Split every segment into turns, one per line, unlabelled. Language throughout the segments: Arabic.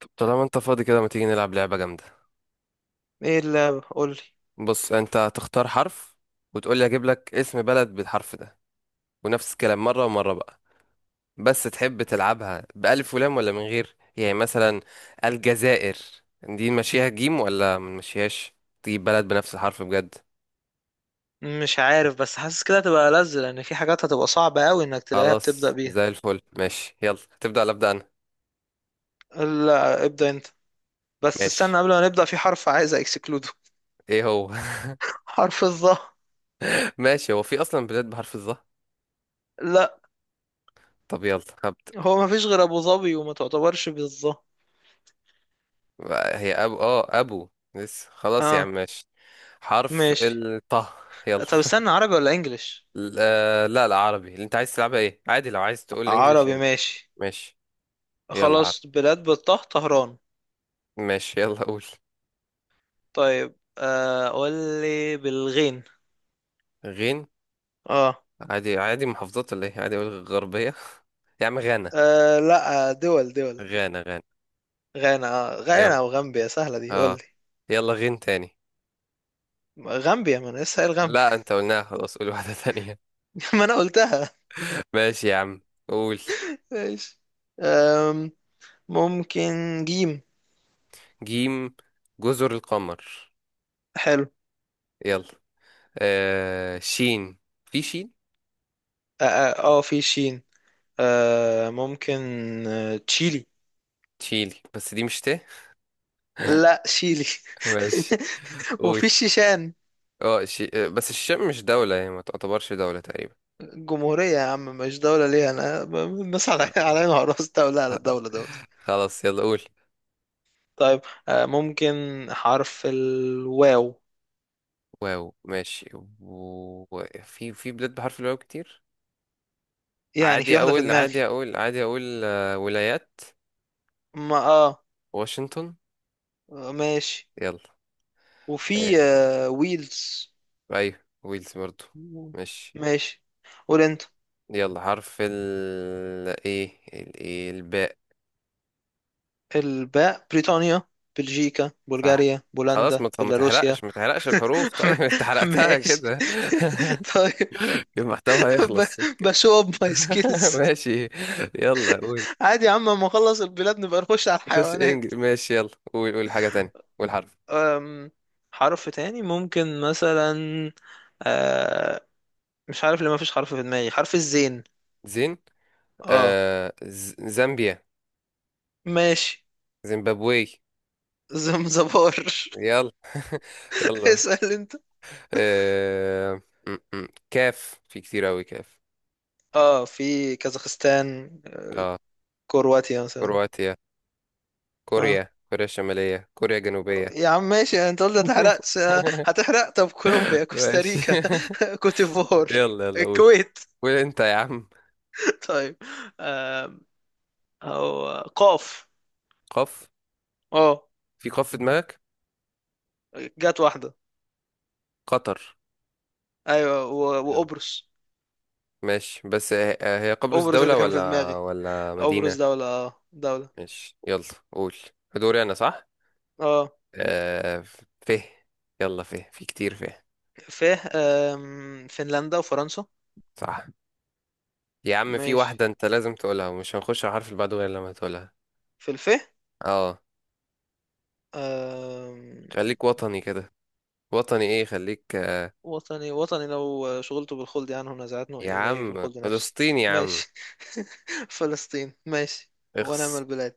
طب طالما انت فاضي كده ما تيجي نلعب لعبة جامدة.
ايه اللعبة، قولي؟
بص، انت هتختار حرف وتقول لي اجيب لك اسم بلد بالحرف ده، ونفس الكلام مرة ومرة بقى. بس تحب تلعبها بألف ولام ولا من غير؟ يعني مثلا الجزائر، دي نمشيها جيم ولا ما نمشيهاش؟ تجيب بلد بنفس الحرف بجد.
مش عارف، بس حاسس كده هتبقى لذ لان في حاجات هتبقى صعبة قوي انك تلاقيها بتبدأ
خلاص
بيها.
زي الفل، ماشي. يلا تبدأ ولا أبدأ أنا؟
لا، ابدأ انت. بس استنى
ماشي.
قبل ما نبدأ، في حرف عايز اكسكلوده.
ايه هو؟
حرف الظا.
ماشي، هو في أصلا بلاد بحرف الظهر؟
لا،
طب يلا هبدأ.
هو مفيش غير ابو ظبي، وما تعتبرش بالظا.
هي ابو ابو، لسه، خلاص يا عم
اه
ماشي. حرف
ماشي.
الطه. يلا.
طب استنى، عربي ولا انجليش؟
لا لا، عربي. اللي انت عايز تلعبها، ايه؟ عادي، لو عايز تقول انجليش،
عربي
انجليش.
ماشي.
ماشي، يلا عربي.
خلاص، بلاد بالطه: طهران.
ماشي، يلا قول.
طيب، قولي بالغين.
غين.
اه،
عادي، عادي محافظات ولا ايه؟ عادي اقول غربية؟ يا عم غانا.
آه لا، دول دول.
غانا غانا.
غانا آه.
يلا.
غانا وغامبيا سهلة، دي
اه.
قولي.
يلا غين تاني.
غامبيا، ما انا لسه قايل غامبيا.
لا انت قلناها، خلاص قول واحدة تانية.
ما انا قلتها.
ماشي يا عم. قول.
ماشي. أم، ممكن جيم.
جيم. جزر القمر.
حلو.
يلا. آه، شين. في شين.
اه، في شين. ممكن، تشيلي.
تشيلي بس دي مش
لا، شيلي.
ماشي. قول.
وفي الشيشان.
اه شي... آه، بس الشام مش دولة، يعني ما تعتبرش دولة تقريبا.
جمهورية يا عم، مش دولة ليه؟ انا الناس على
خ-
على عينها وراس، دولة على دولة دولة.
خلاص، يلا قول.
طيب، ممكن حرف الواو.
واو، ماشي. و... في بلاد بحرف الواو كتير.
يعني في
عادي
واحدة في
اقول
دماغي.
عادي اقول عادي اقول آه، ولايات
ما اه
واشنطن.
ماشي.
يلا. آه،
وفي ويلز.
ايوه، ويلز برضو. ماشي.
ماشي، قول انت.
يلا حرف ال ايه ال... إيه؟ الباء.
الباء: بريطانيا، بلجيكا،
صح.
بلغاريا،
خلاص،
بولندا،
ما
بيلاروسيا.
تحرقش ما تحرقش الحروف
م-
طيب؟ انت حرقتها
ماشي.
كده.
طيب،
المحتوى هيخلص.
بشو اب ماي سكيلز.
ماشي، يلا قول.
عادي يا عم، اما اخلص البلاد نبقى نخش على
خش
الحيوانات.
انجلش، ماشي. يلا قول، قول حاجة تانية، قول حرف.
أم، حرف تاني ممكن مثلا، آه، مش عارف ليه ما فيش حرف في دماغي. حرف الزين.
زين.
اه
زامبيا.
ماشي.
زيمبابوي.
زمزبار.
يلا يلا.
اسأل انت.
آه... م- م. كاف، في كتير أوي كاف.
اه، في كازاخستان،
اه
كرواتيا مثلا.
كرواتيا.
اه
كوريا، كوريا الشمالية، كوريا الجنوبية.
يا عم ماشي، انت قلت هتحرقش. هتحرق؟ طب كولومبيا،
ماشي
كوستاريكا، كوتيفوار،
يلا يلا قول.
الكويت.
قول انت يا عم.
طيب، آم، هو قاف.
قف.
اه،
في قف في دماغك؟
جت واحدة.
قطر.
ايوه،
يلا.
وقبرص.
ماشي، بس هي قبرص
قبرص
دولة
اللي كان في
ولا
دماغي. قبرص
مدينة؟
دولة، اه دولة.
ماشي، يلا قول. دوري انا صح.
اه،
مم. آه فيه. يلا فيه، في كتير فيه.
ف آم، فنلندا وفرنسا.
صح. يا عم في
ماشي.
واحدة انت لازم تقولها، ومش هنخش على الحرف اللي بعده غير لما تقولها.
في الف.
اه.
آم،
خليك وطني كده. وطني ايه، خليك.
وطني وطني لو شغلته بالخلد عنه نزعتنه
يا
إليه في
عم
الخلد نفسي.
فلسطين يا عم.
ماشي. فلسطين ماشي. ونعم
اخس.
البلاد.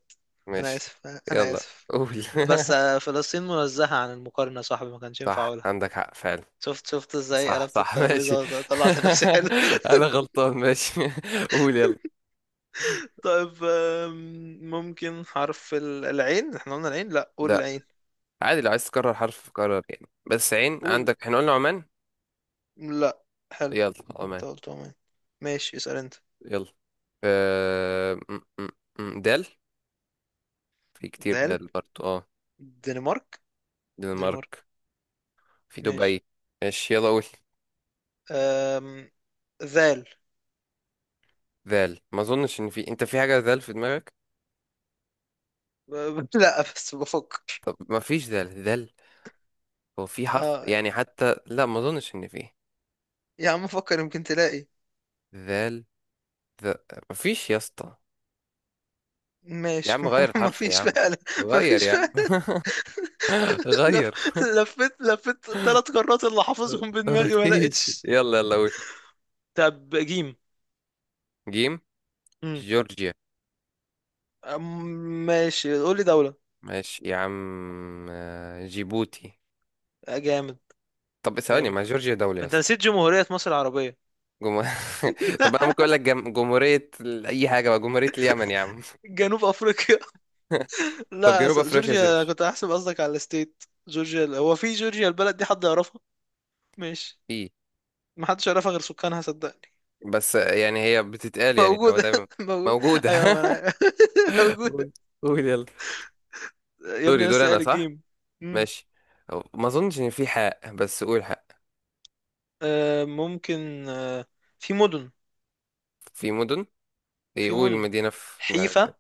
أنا
ماشي،
آسف. أنا
يلا
آسف.
قول.
بس، فلسطين منزهة عن المقارنة يا صاحبي، ما كانش ينفع
صح،
أقولها.
عندك حق فعلا.
شفت شفت ازاي
صح
قلبت
صح، ماشي.
الترابيزة وطلعت لنفسي؟ حلو.
انا غلطان، ماشي. قول، يلا.
طيب، ممكن حرف العين. احنا قلنا العين؟ لا قول
لا،
العين.
عادي لو عايز تكرر حرف كرر، يعني. بس عين
قول.
عندك احنا قلنا عمان.
لا. حلو،
يلا عمان.
انت قلت عمان. ماشي، اسأل انت.
يلا. آه... م- م- دال. في كتير
دال.
دال برضو، اه.
دنمارك.
دنمارك.
دنمارك.
في
ماشي.
دبي. ماشي، يلا قول.
أم... ذال.
ذال. ما اظنش ان في، انت في حاجة ذال في دماغك؟
ب... لا، بس بفكر.
طب ما فيش ذال، ذال هو في حرف،
اه
يعني، حتى لا ما اظنش ان في.
يا عم، فكر يمكن تلاقي.
ذال ذ... ما فيش يا اسطى. يا
ماشي.
عم
ما
غير
هو ما
الحرف يا
فيش
عم.
فعلا. ما
غير
فيش
يا عم
فعلا. لف...
غير،
لفيت لفيت ثلاث قارات اللي حافظهم
ما
بدماغي ما
فيش.
لقيتش.
يلا يلا قول.
طب جيم.
جيم.
مم.
جورجيا.
أم- ماشي، قول لي دولة.
ماشي يا عم. جيبوتي.
جامد.
طب ثواني،
جامد.
ما جورجيا دولة يا
انت
اسطى؟
نسيت جمهورية مصر العربية.
جمهور... طب انا ممكن اقول لك جم... جمهورية ال- اي حاجة بقى، جمهورية اليمن يا عم.
جنوب افريقيا.
طب
لا،
جنوب افريقيا
جورجيا
تمشي.
كنت احسب قصدك على الستيت جورجيا. هو في جورجيا البلد دي حد يعرفها؟ ماشي.
في.
ما حدش يعرفها غير سكانها، صدقني.
بس يعني هي بتتقال، يعني لو
موجودة.
دايما
موجودة.
موجودة.
أيوة، ما أنا عارف. موجودة.
قول. قول يلا.
يا
دوري
ابني،
دوري
لسه
انا
قايل
صح.
الجيم. مم.
ماشي. ما اظنش ان في حق، بس قول حق.
ممكن. في مدن
في مدن.
في
يقول
مدن
مدينة في دماغك
حيفا.
كده.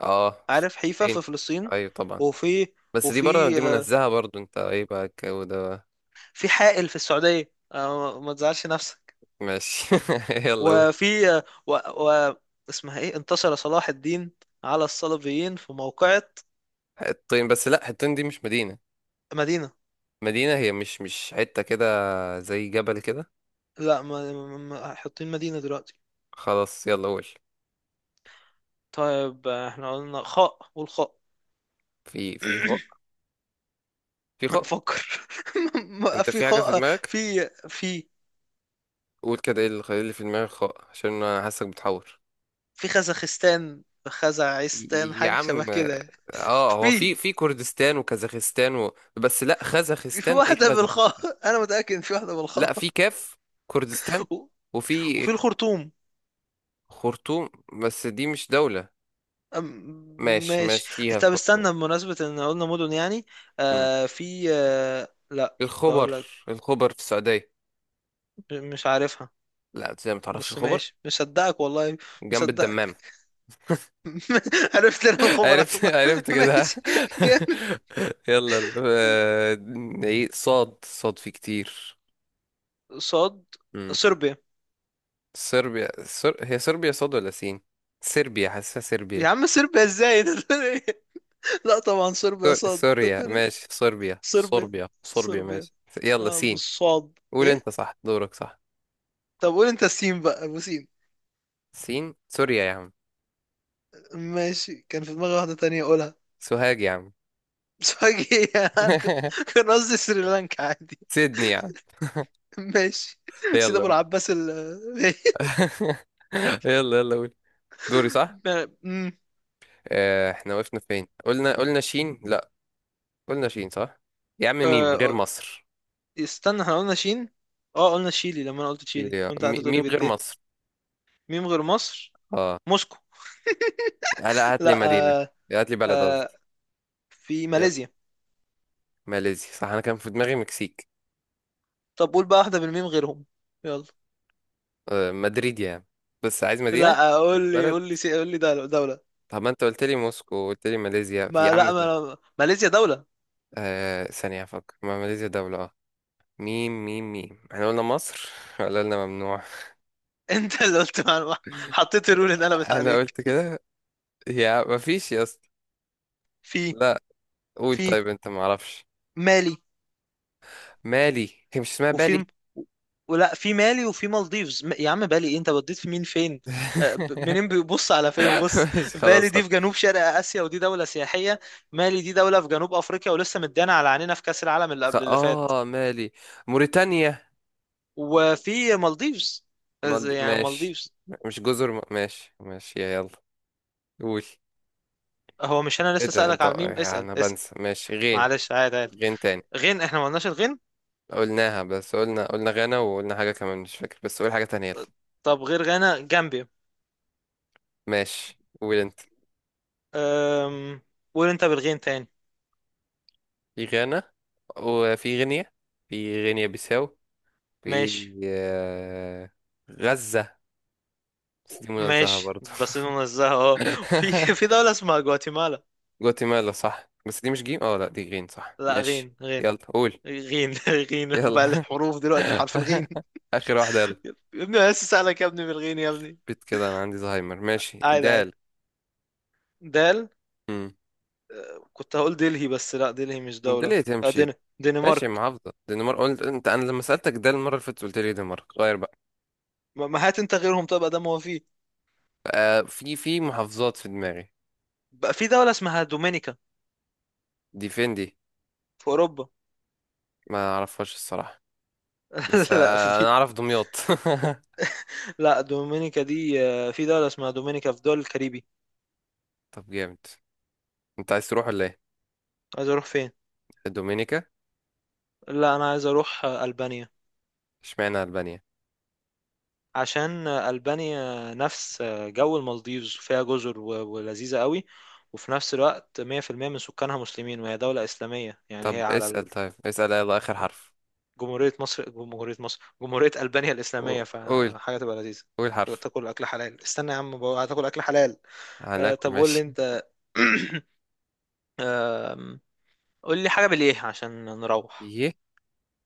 اه.
عارف حيفا
فين؟
في فلسطين.
ايوه طبعا.
وفي
بس دي بره،
وفي
دي
آه
منزهة برضو، انت ايه بقى الجو ده بقى؟
في حائل في السعودية. آه، ما تزعلش نفسك.
ماشي يلا قول.
وفي، آه و, و اسمها ايه؟ انتصر صلاح الدين على الصليبيين في موقعة.
حطين، بس لا حطين دي مش مدينة.
مدينة؟
مدينة؟ هي مش، مش حتة كده، زي جبل كده.
لا، ما حاطين مدينة دلوقتي.
خلاص، يلا قول.
طيب، احنا قلنا خاء؟ قول خاء.
في خاء. في خاء.
فكر.
انت
في
في حاجة في دماغك؟
في في
قول كده ايه اللي في دماغك خاء، عشان انا حاسك بتحور.
في خزخستان، خزعستان،
يا
حاجة شبه
عم،
كده.
اه هو
في
في، في كردستان وكازاخستان بس لا،
في
خزخستان ايه
واحدة
خزخستان؟
بالخاء، أنا متأكد إن في واحدة
لا
بالخاء.
في كاف. كردستان.
و-
وفي
وفي الخرطوم.
خرطوم، بس دي مش دولة.
أم-
ماشي
ماشي.
ماشي، فيها
طب
الخرطوم.
استنى، بمناسبة إن قلنا مدن يعني،
مم.
في، لا كنت
الخبر.
هقول لك.
الخبر في السعودية.
مش عارفها.
لا، ازاي ما تعرفش
بس
الخبر؟
ماشي، مصدقك والله.
جنب الدمام.
مصدقك. عرفت لنا الخبر عشان.
عرفت عرفت كده
ماشي. جامد.
يلا يلا. نعيد. صاد. صاد في كتير.
صاد.
مم.
صربيا.
صربيا. هي صربيا صاد ولا سين؟ صربيا، حاسسها صربيا.
يا عم صربيا ازاي؟ انت بتقول ايه؟ لا طبعا صربيا صاد، انت
سوريا.
بتقول ايه؟
ماشي، صربيا
صربيا.
صربيا صربيا،
صربيا.
ماشي. يلا
اه،
سين.
بالصاد
قول
ايه.
انت، صح دورك، صح.
طب قول انت السين بقى، ابو سين.
سين، سوريا يا عم.
ماشي، كان في دماغي واحدة تانية اقولها
سوهاج يا عم
بس فجأة. انا كان قصدي سريلانكا عادي.
سيدني يا عم.
ماشي. سيد
يلا
ابو
قول.
العباس ال.
يلا يلا قول، دوري صح.
ب- مم.
احنا وقفنا فين، قلنا شين، لا قلنا شين صح؟ يا عم
آه،
ميم غير
آه،
مصر.
استنى، احنا قلنا شين. اه قلنا تشيلي لما انا قلت تشيلي وانت قعدت تقولي
ميم غير
بالت.
مصر.
ميم غير مصر.
اه.
موسكو.
هلا هات لي
لا،
مدينة.
آه
هات لي بلد،
آه
قصدي.
في
يلا.
ماليزيا.
ماليزيا، صح. انا كان في دماغي مكسيك.
طب قول بقى واحدة بالميم غيرهم. يلا.
مدريد يا عم. بس عايز مدينة،
لا،
مش بلد.
قول لي دولة، دولة.
طب ما انت قلت لي موسكو وقلت لي ماليزيا، في يا
ما
عم.
لا
ثانية.
ما، ماليزيا دولة.
ثانية افكر، ما ماليزيا دولة، اه. ميم ميم ميم، احنا قلنا مصر ولا قلنا ممنوع؟
انت اللي قلت معلومة، حطيت الرول ان قلبت
انا
عليك.
قلت كده. يا ما فيش يا اسطى.
في
لا. قول
في
طيب، انت ما اعرفش؟
مالي.
مالي، هي مش اسمها
وفي
بالي؟
ولا في مالي وفي مالديفز. يا عم بالي ايه؟ انت بديت في مين فين؟ منين بيبص على فين بص.
ماشي،
بالي
خلاص.
دي في جنوب شرق اسيا، ودي دولة سياحية. مالي دي دولة في جنوب افريقيا، ولسه مدانا على عينينا في كأس العالم اللي
خ...
قبل اللي فات.
اه مالي، موريتانيا.
وفي مالديفز. يعني
ماشي،
مالديفز.
مش جزر. ماشي ماشي يا، يلا قول.
هو مش انا
ايه
لسه
ده
سألك
انت؟
على الميم؟ اسأل
انا
اسأل.
بنسى، ماشي غين.
معلش، عادي عادي.
غين تاني.
غين. احنا ما قلناش الغين.
قلناها، بس قلنا، قلنا غانا وقلنا حاجة كمان مش فاكر، بس قول حاجة تانية يلا.
طب غير غانا، جامبيا.
ماشي، قول انت.
أم... قول انت بالغين تاني.
في غانا، وفي غينيا، في غينيا بيساو. في
ماشي،
آه، غزة، بس دي منزهة
ماشي،
برضو.
بس ننزهها اه. في في دولة اسمها جواتيمالا.
جواتيمالا، صح. بس دي مش جيم، اه لا دي غين، صح
لا
ماشي.
غين غين.
يلا قول.
غين. غين بقى
يلا
الحروف دلوقتي، حرف الغين.
اخر واحده يلا.
يا ابني انا لسه سألك يا ابني بالغين يا ابني.
بيت كده، انا عندي زهايمر، ماشي
عادي عادي.
دال.
دال.
امم.
كنت هقول دلهي بس لا دلهي مش
دال
دولة.
ايه تمشي؟ ماشي،
دنمارك.
محافظه دنمارك قلت انت. انا لما سالتك دال المره اللي فاتت قلت لي دنمارك، غير بقى.
ما ما، هات انت غيرهم، طب ده ما هو فيه.
في، في محافظات في دماغي.
بقى في دولة اسمها دومينيكا.
دي فين دي؟
في اوروبا.
ما اعرفهاش الصراحه. بس
لا،
انا
في.
اعرف دمياط.
لا، دومينيكا دي، في دولة اسمها دومينيكا في دول الكاريبي.
طب جامد. انت عايز تروح ولا ايه؟
عايز اروح فين؟
الدومينيكا؟
لا، انا عايز اروح البانيا.
اشمعنى البانيا؟
عشان البانيا نفس جو المالديفز، فيها جزر ولذيذة قوي. وفي نفس الوقت 100% من سكانها مسلمين، وهي دولة إسلامية. يعني هي
طب
على
اسال،
ال...
طيب اسال يلا اخر حرف.
جمهورية مصر، جمهورية مصر، جمهورية ألبانيا الإسلامية،
قول.
فحاجة تبقى لذيذة.
قول حرف.
تاكل أكل حلال. استنى يا عم بقى، هتاكل أكل حلال.
هناكل.
طب قول لي أنت. آم، قول لي حاجة بالإيه عشان نروح.
ماشي.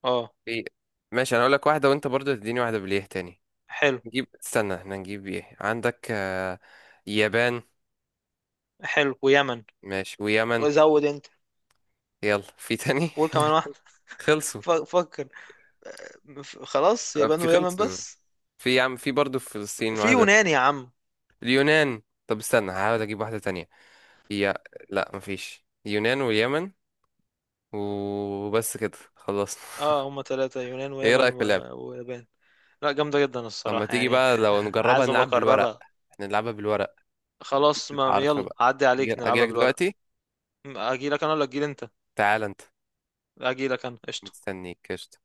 اه.
ايه. ماشي، انا اقول لك واحده وانت برضو تديني واحده بالايه تاني.
حلو.
نجيب، استنى احنا نجيب ايه عندك؟ يابان.
حلو ويمن.
ماشي، ويمن.
وزود انت.
يلا في تاني
قول كمان واحدة.
خلصوا.
فكر. خلاص، يابان
في،
ويمن
خلصوا.
بس.
في يا عم، في برضو في فلسطين
في
واحده.
يونان يا عم.
اليونان. طب استنى هحاول اجيب واحده تانية. هي، لا مفيش، اليونان واليمن، وبس كده خلصنا.
اه، هما ثلاثة: يونان،
ايه
ويمن،
رايك
و...
في اللعب؟
ويابان. لا، جامدة جدا
اما
الصراحة
تيجي
يعني.
بقى لو نجربها
عايز ابقى
نلعب بالورق.
اكررها.
احنا نلعبها بالورق.
خلاص،
اكتب
ما
حرف
يلا
بقى.
عدي
اجي،
عليك، نلعبها
اجيلك
بالورق.
دلوقتي.
اجي لك انا ولا اجي انت؟
تعال انت.
اجي لك انا، قشطة.
مستنيك، قشطة.